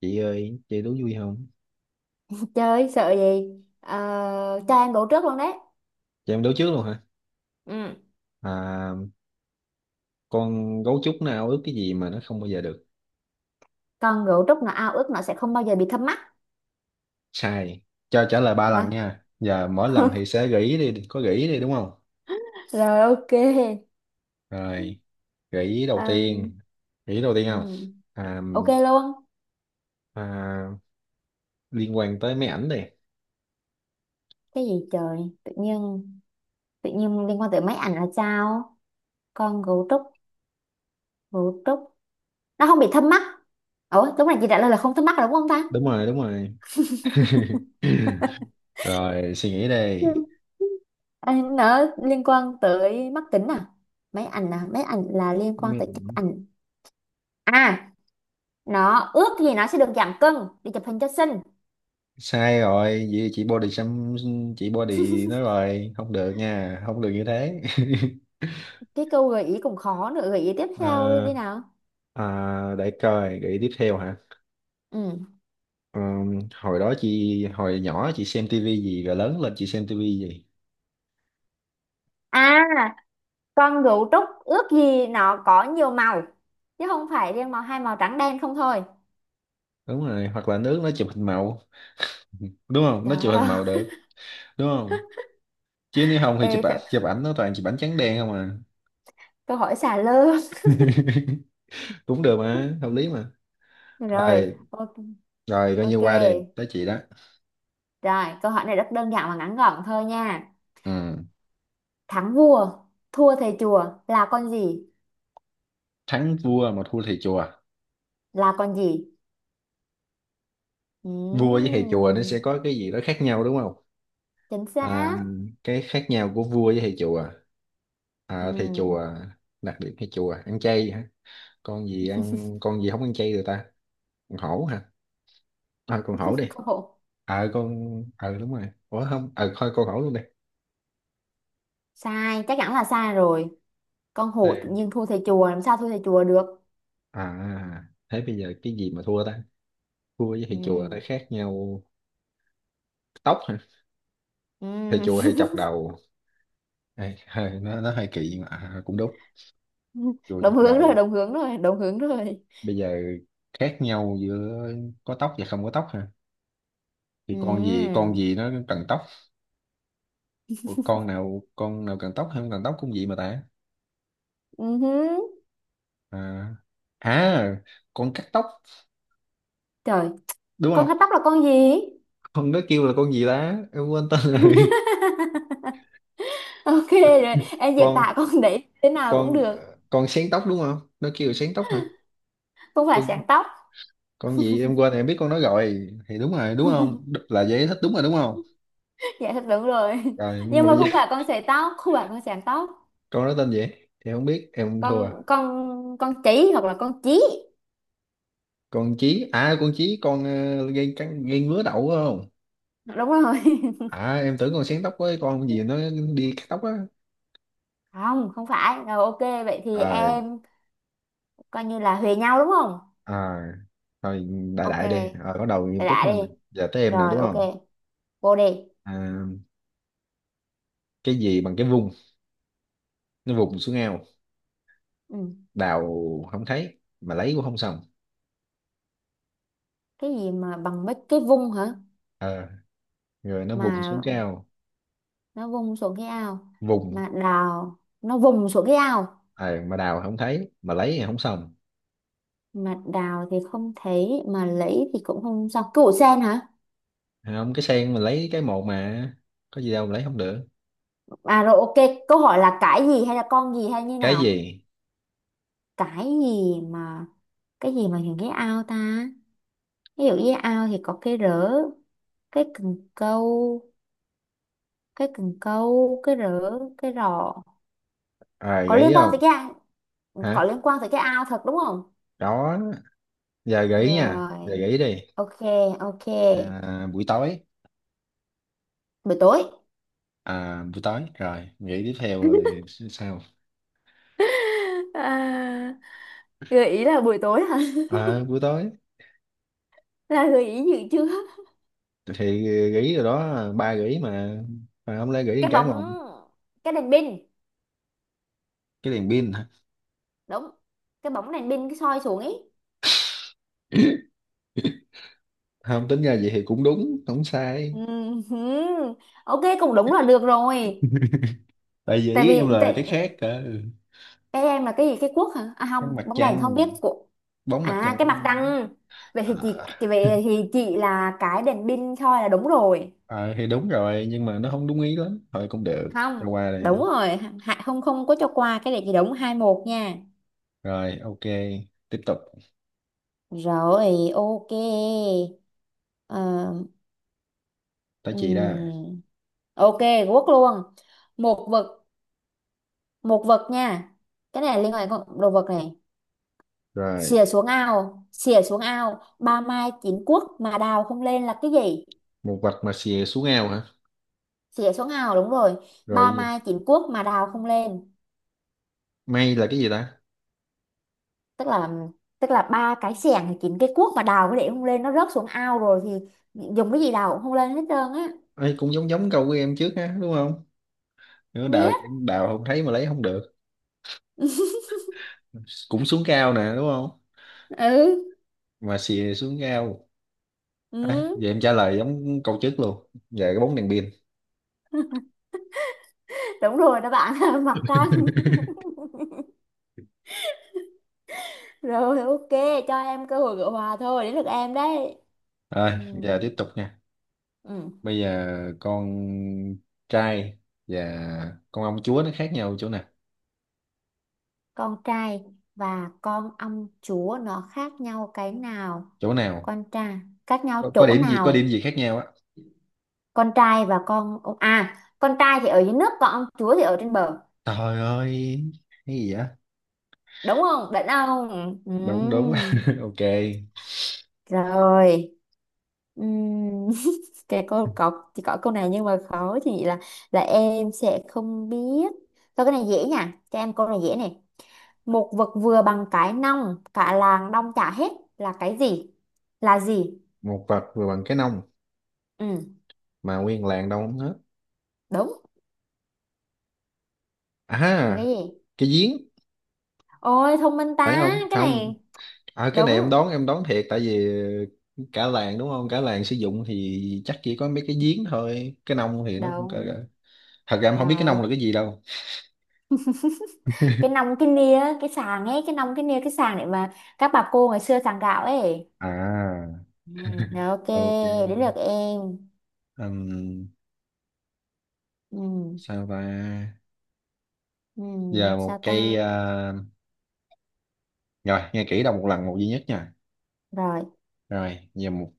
Chị ơi, chơi đố vui không? Chơi sợ gì. Ờ, cho em ngủ trước luôn đấy. Chị em đố trước luôn hả? Ừ. à, con gấu trúc nó ao ước cái gì mà nó không bao giờ được? Còn ngủ trước, nó ao ước nó sẽ không bao giờ bị thâm mắt. Sai. Cho trả lời ba lần Hả? nha, giờ mỗi lần thì sẽ gợi ý, đi có gợi ý đi, đúng không? Rồi, ok. Rồi, gợi ý đầu Ờ. tiên. Gợi ý đầu tiên Ừ. không? à, Ok luôn. à, Liên quan tới máy ảnh đi. Cái gì trời? Tự nhiên, tự nhiên liên quan tới máy ảnh là sao? Con ngủ trúc, ngủ trúc nó không bị thâm mắt. Ủa lúc này chị trả lời là không thâm mắt rồi đúng không ta? Đúng rồi, đúng rồi. Rồi, suy nghĩ đây. Ừ. Nó liên quan tới mắt kính à? Máy ảnh à, máy ảnh là liên quan tới chụp Ừ, ảnh à. Nó ước gì nó sẽ được giảm cân để chụp hình cho xinh. sai rồi. Vậy chị body xăm, chị body nói rồi, không được nha, không được như thế. Cái câu gợi ý cũng khó nữa, gợi ý tiếp theo đi Ờ, nào. Để coi cái tiếp theo hả? Ừ. Hồi đó chị, hồi nhỏ chị xem tivi gì, rồi lớn lên chị xem tivi gì? À, con gấu trúc ước gì nó có nhiều màu, chứ không phải riêng màu, hai màu trắng đen không thôi. Đúng rồi, hoặc là nước nó chụp hình màu, đúng không, nó Trời chụp hình ơi! màu được, đúng không? Chứ nếu không thì chụp Ê, ảnh, chụp ảnh nó toàn chụp ảnh trắng đen không à. câu hỏi xà lơ. Cũng được mà, hợp lý mà. Rồi Rồi, ok. rồi coi như Ok. qua, đi tới chị đó. Rồi câu hỏi này rất đơn giản và ngắn gọn thôi nha. Ừm, Thắng vua, thua thầy chùa là con gì? thắng vua mà thua thầy chùa. Là con gì? Vua với thầy chùa nó Ừm, sẽ có cái gì đó khác nhau, đúng không? chính xác. À, cái khác nhau của vua với thầy chùa. Thầy Ừm. chùa. Đặc điểm thầy chùa ăn chay hả? Con gì ăn, con gì không ăn chay rồi ta? Con hổ hả? Con hổ đi. Khổ. Ờ con, ờ đúng rồi, ủa không, ờ thôi con hổ luôn đi. Sai, chắc chắn là sai rồi. Con hổ Đây. tự nhiên thua thầy chùa, làm sao thua thầy chùa được? À, thế bây giờ cái gì mà thua ta? Vua với thầy chùa nó Ừ. khác nhau. Tóc hả? Thầy chùa Ừ. hay chọc đầu. Ê, hơi, nó hơi kỳ nhưng mà cũng đúng. Chùa Đồng chọc hướng đầu. rồi, đồng hướng rồi, đồng hướng rồi. Bây giờ khác nhau giữa có tóc và không có tóc hả? Thì con gì Ừ. con gì nó cần tóc. Ủa, con nào cần tóc hay không cần tóc cũng vậy mà ta? Ừ. à, à con cắt tóc, Trời. đúng Con cắt không? tóc là con gì? Con đó kêu là con gì ta, em quên tên rồi. Ok rồi, em diễn con tả con đấy thế nào cũng con được. Con sén tóc đúng không, nó kêu là sén tóc hả? Không phải, con, sáng tóc. con gì em quên, em biết con nó rồi thì đúng rồi đúng không? Là giải thích đúng rồi đúng không? Dạ thật đúng rồi, Rồi nhưng nhưng mà mà bây giờ, không phải con sợi tóc, không phải con sáng tóc. con đó tên gì thì không biết, em thua. Con chỉ hoặc là con chí. Con chí à? Con chí, con gây cắn gây ngứa đậu phải không? Đúng rồi. À em tưởng con sén tóc với con gì nó đi cắt tóc á. Không, không phải rồi. Ok vậy thì À, em coi như là huề nhau đúng không? à, thôi, đại Ok. đại đi, rồi bắt đầu nghiêm túc Đã hơn nè. đi. Giờ tới em nè Rồi đúng ok, không? vô đi. à, cái gì bằng cái vùng, nó vùng xuống ao, Ừ. đào không thấy mà lấy cũng không xong. Cái gì mà bằng mấy cái vung hả? Ờ, rồi nó vùng xuống Mà cao. nó vung xuống cái ao, Vùng. mà đào nó vùng xuống cái ao, Mà đào không thấy mà lấy thì không xong. mà đào thì không thấy mà lấy thì cũng không sao. Củ sen hả? Thấy không, cái sen mình lấy cái một mà, có gì đâu mà lấy không được. À rồi ok. Câu hỏi là cái gì hay là con gì hay như Cái nào? gì. Cái gì mà, cái gì mà những cái ao ta? Ví dụ như ao thì có cái rỡ, cái cần câu. Cái cần câu, cái rỡ, cái rọ. Có Gợi ý liên quan không? tới cái, có Hả? liên quan tới cái ao thật đúng không? Đó, giờ gợi ý nha, giờ Rồi, gợi ý đi. ok. Ok. Buổi tối. Buổi tối. Buổi tối rồi, nghĩ tiếp theo rồi. Sao? à, Gợi ý là buổi tối hả? Buổi tối Là gợi ý gì chưa? thì gỉ rồi đó, ba gỉ mà không lẽ gỉ một Cái cái bóng, một. cái đèn pin. Cái đèn pin hả? Đúng. Cái bóng đèn pin, cái soi xuống ấy. Không, tính ra vậy thì cũng đúng không sai. Ừm, ok, cũng đúng là được rồi. Tại vì tại ý em vì là cái tại khác cơ. cái em là cái gì? Cái cuốc hả? À Cái không, mặt bóng đèn không trăng, biết của. bóng mặt À, trăng. cái mặt trăng. Vậy thì chị À, chị vậy thì chị là cái đèn pin soi là đúng rồi. ờ, thì đúng rồi nhưng mà nó không đúng ý lắm, thôi cũng được, cho Không qua đúng đây. rồi. Hạ không, không có cho qua, cái này chị đúng hai một nha. Rồi ok, tiếp tục. Rồi ok. Ờ. Tới chị đó. Ừm, ok. Quốc luôn. Một vật, một vật nha. Cái này liên quan đến con đồ vật này. Rồi, Xìa xuống ao, xìa xuống ao, ba mai chín cuốc mà đào không lên là cái gì? một vạch mà xìa xuống ao hả? Xìa xuống ao đúng rồi. Rồi Ba gì? mai chín cuốc mà đào không lên. May là cái gì ta? Tức là, tức là ba cái xẻng thì chín cái cuốc mà đào cái để không lên, nó rớt xuống ao rồi thì dùng cái gì đào cũng không lên hết trơn á. Ấy cũng giống giống câu của em trước ha, đúng không? Nữa, đào Biết. đào không thấy mà lấy không được, cũng xuống cao nè đúng không, Ừ. mà xì xuống ao. À, Ừ. vậy em trả lời giống câu trước luôn, về cái bóng đèn pin. Đúng rồi đó bạn. Mặt trăng. Rồi ok. Cho em cơ hội gỡ hòa thôi, đến lượt em đấy. Rồi, Ừ. giờ tiếp tục nha. Ừ. Bây giờ con trai và con ông chúa nó khác nhau chỗ nào? Con trai và con ông chúa nó khác nhau cái nào? Chỗ nào? Con trai khác nhau Có chỗ điểm gì, có điểm nào? gì khác nhau á? Con trai và con ông, à con trai thì ở dưới nước, còn ông chúa thì ở trên bờ. Trời ơi, cái gì á? Đúng không, định không? Ừ. Đâu cũng đúng. Ừ. Ok. Rồi. Ừm, cái câu có chỉ có câu này nhưng mà khó thì là em sẽ không biết. Thôi cái này dễ nha, cho em câu này dễ này. Một vật vừa bằng cái nòng, cả làng đong chả hết là cái gì? Là gì? Một vật vừa bằng cái nông Ừ. mà nguyên làng đâu không hết. Đúng. Là À, cái gì? cái giếng. Ôi thông minh Phải ta không cái không? này. À, cái này em Đúng. đoán, em đoán thiệt, tại vì cả làng đúng không, cả làng sử dụng thì chắc chỉ có mấy cái giếng thôi, cái nông thì nó cũng cỡ Đúng cỡ. Thật ra em không biết cái rồi. nông là cái gì đâu. Cái nòng, cái nia, cái sàng ấy. Cái nòng, cái nia, cái sàng để mà các bà cô ngày xưa sàng gạo ấy. À, Ừ. Rồi ok. ok. Đến lượt em. Ừm, Ừ. sao ta? Ừ, Giờ một sao cây ta? Rồi nghe kỹ đâu một lần một duy nhất nha. Rồi. Rồi giờ, một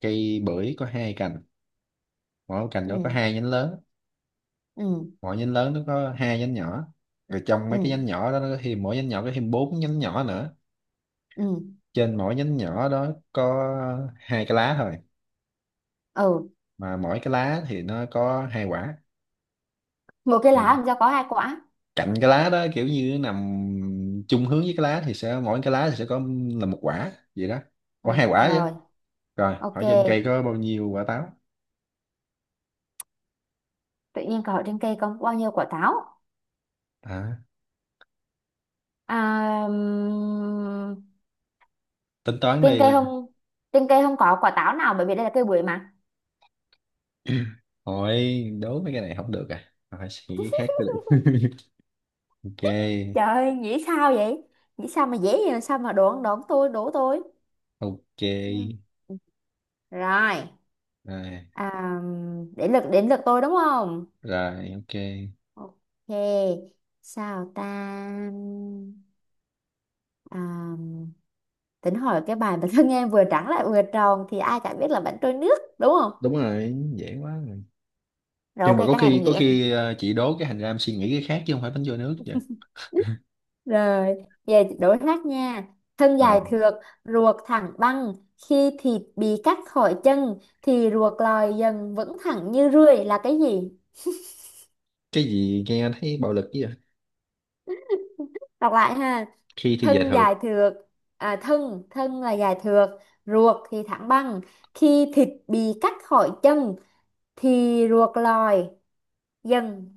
cây bưởi có hai cành, mỗi cành đó có Ừ. hai nhánh lớn, Ừ. mỗi nhánh lớn nó có hai nhánh nhỏ. Rồi trong Ừ. mấy cái nhánh nhỏ đó nó có thêm, mỗi nhánh nhỏ có thêm bốn nhánh nhỏ nữa. Ừ. Trên mỗi nhánh nhỏ đó có hai cái lá thôi, Ừ. mà mỗi cái lá thì nó có hai quả. Một cái lá Thì làm sao có hai quả? cạnh cái lá đó kiểu như nó nằm chung hướng với cái lá thì sẽ, mỗi cái lá thì sẽ có, là một quả vậy đó, có Rồi, hai quả chứ. rồi. Rồi Ok. hỏi trên cây có bao nhiêu quả táo? Tự nhiên cậu trên cây có bao nhiêu quả táo? à, À, Tính toán trên đi cây là. không, trên cây không có quả táo nào bởi vì đây là cây bưởi mà. Hỏi đố mấy cái này không được à, hỏi suy nghĩ cái khác mới được. Ok Trời ơi, nghĩ sao vậy? Nghĩ sao mà dễ vậy, sao mà đoán, đoán tôi đố tôi? ok. Ừ. Rồi. Rồi. À, đến lượt tôi đúng không? Rồi ok. Ok, sao ta? À, tính hỏi cái bài mà thân em vừa trắng lại vừa tròn thì ai chả biết là bánh trôi nước đúng không? Đúng rồi, dễ quá rồi. Rồi Nhưng ok, mà có cái này khi, cũng dễ có này. khi chị đố cái hành ra em suy nghĩ cái khác chứ không phải bánh trôi nước vậy. Rồi về đối hát nha. Thân dài thượt, ruột thẳng băng. Khi thịt bị cắt khỏi chân thì ruột lòi dần vững thẳng như rươi là cái gì? Cái gì nghe thấy bạo lực chứ vậy? Đọc lại ha. Khi thì dài Thân thượt. dài thượt, à, thân thân là dài thượt, ruột thì thẳng băng. Khi thịt bị cắt khỏi chân thì ruột lòi dần,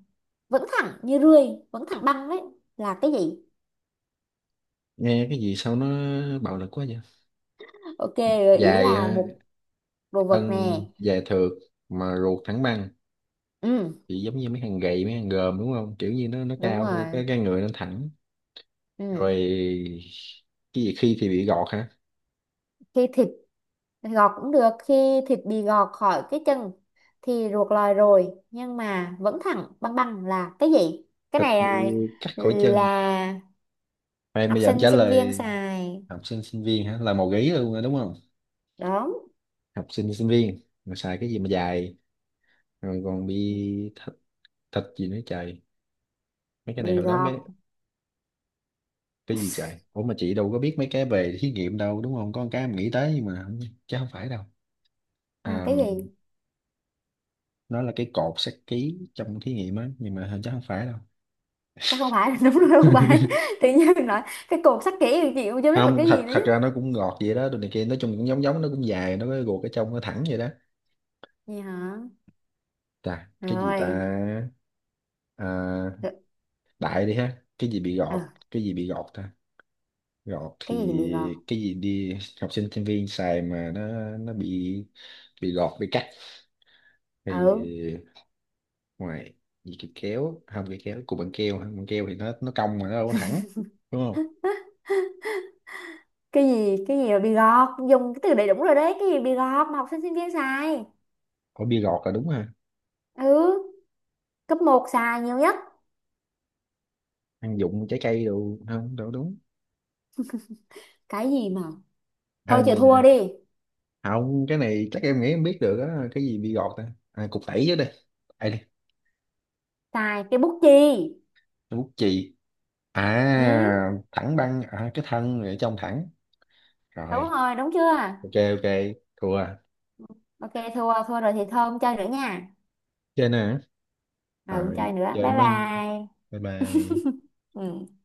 vẫn thẳng như rươi, vẫn thẳng băng đấy là cái gì? Nghe cái gì sao nó bạo lực quá vậy? Ok, gợi ý Dài, là một đồ vật thân nè. dài thượt mà ruột thẳng băng, Ừ, thì giống như mấy thằng gầy, mấy thằng gờm đúng không, kiểu như nó đúng cao thôi, rồi. cái người nó thẳng. Ừ. Rồi, cái gì khi thì bị gọt hả? Khi thịt, gọt cũng được, khi thịt bị gọt khỏi cái chân thì ruột lòi rồi nhưng mà vẫn thẳng băng băng là cái gì? Cái Thịt này bị à, cắt khỏi chân. là Khoan, bây học giờ em sinh trả sinh viên lời. xài. Học sinh sinh viên hả? Là màu gấy luôn rồi đúng không? Đúng. Học sinh sinh viên mà xài cái gì mà dài, rồi còn bị thịt, thịt gì nữa trời. Mấy cái Bị này hồi đó gọt. mấy, cái gì trời, ủa mà chị đâu có biết mấy cái về thí nghiệm đâu, đúng không, có một cái mình nghĩ tới nhưng mà chứ không phải đâu. À, À, cái gì? nó là cái cột sát ký trong thí nghiệm á, nhưng mà hình chắc không phải đâu. Chắc không phải. Đúng rồi, không phải. Tự nhiên nói cái cột sắt kỹ thì chị cũng chưa biết là Không, cái thật, gì nữa thật chứ. ra nó cũng ngọt vậy đó, đồ này kia nói chung cũng giống giống, nó cũng dài, nó có cái ruột ở trong nó thẳng vậy đó. Gì hả? Chà, cái gì ta? Rồi. à, Được. Đại đi ha, cái gì bị Ờ, gọt. Cái gì bị gọt ta? Gọt cái gì bị gọt? thì cái gì đi? Học sinh sinh viên xài mà nó bị gọt bị cắt Ừ. thì ngoài, gì, cái kéo không? Cái kéo cục bằng keo hả? Bằng keo thì nó cong mà nó đâu có thẳng, đúng không? Cái gì, cái gì mà bị gọt, dùng cái từ đầy đủ rồi đấy. Cái gì bị gọt mà học sinh sinh viên xài? Có bia gọt là đúng ha. Ừ. Cấp một xài nhiều nhất. Ăn dụng trái cây đồ không đâu đúng. Cái gì mà, thôi Khoan chịu thua mình, đi. không cái này chắc em nghĩ em biết được á, cái gì bia gọt ta, cục tẩy chứ đây. Đây đi. Xài cái bút chì. Cái bút chì. Ừ, À, thẳng băng, cái thân ở trong thẳng. đúng Rồi. rồi đúng chưa? Ok ok, thua. Ok, thua, thua rồi thì thôi, không chơi nữa nha. Chơi nè. Ừ, không Rồi chơi nữa, chơi bye mới. bye. Bye bye. Ừ.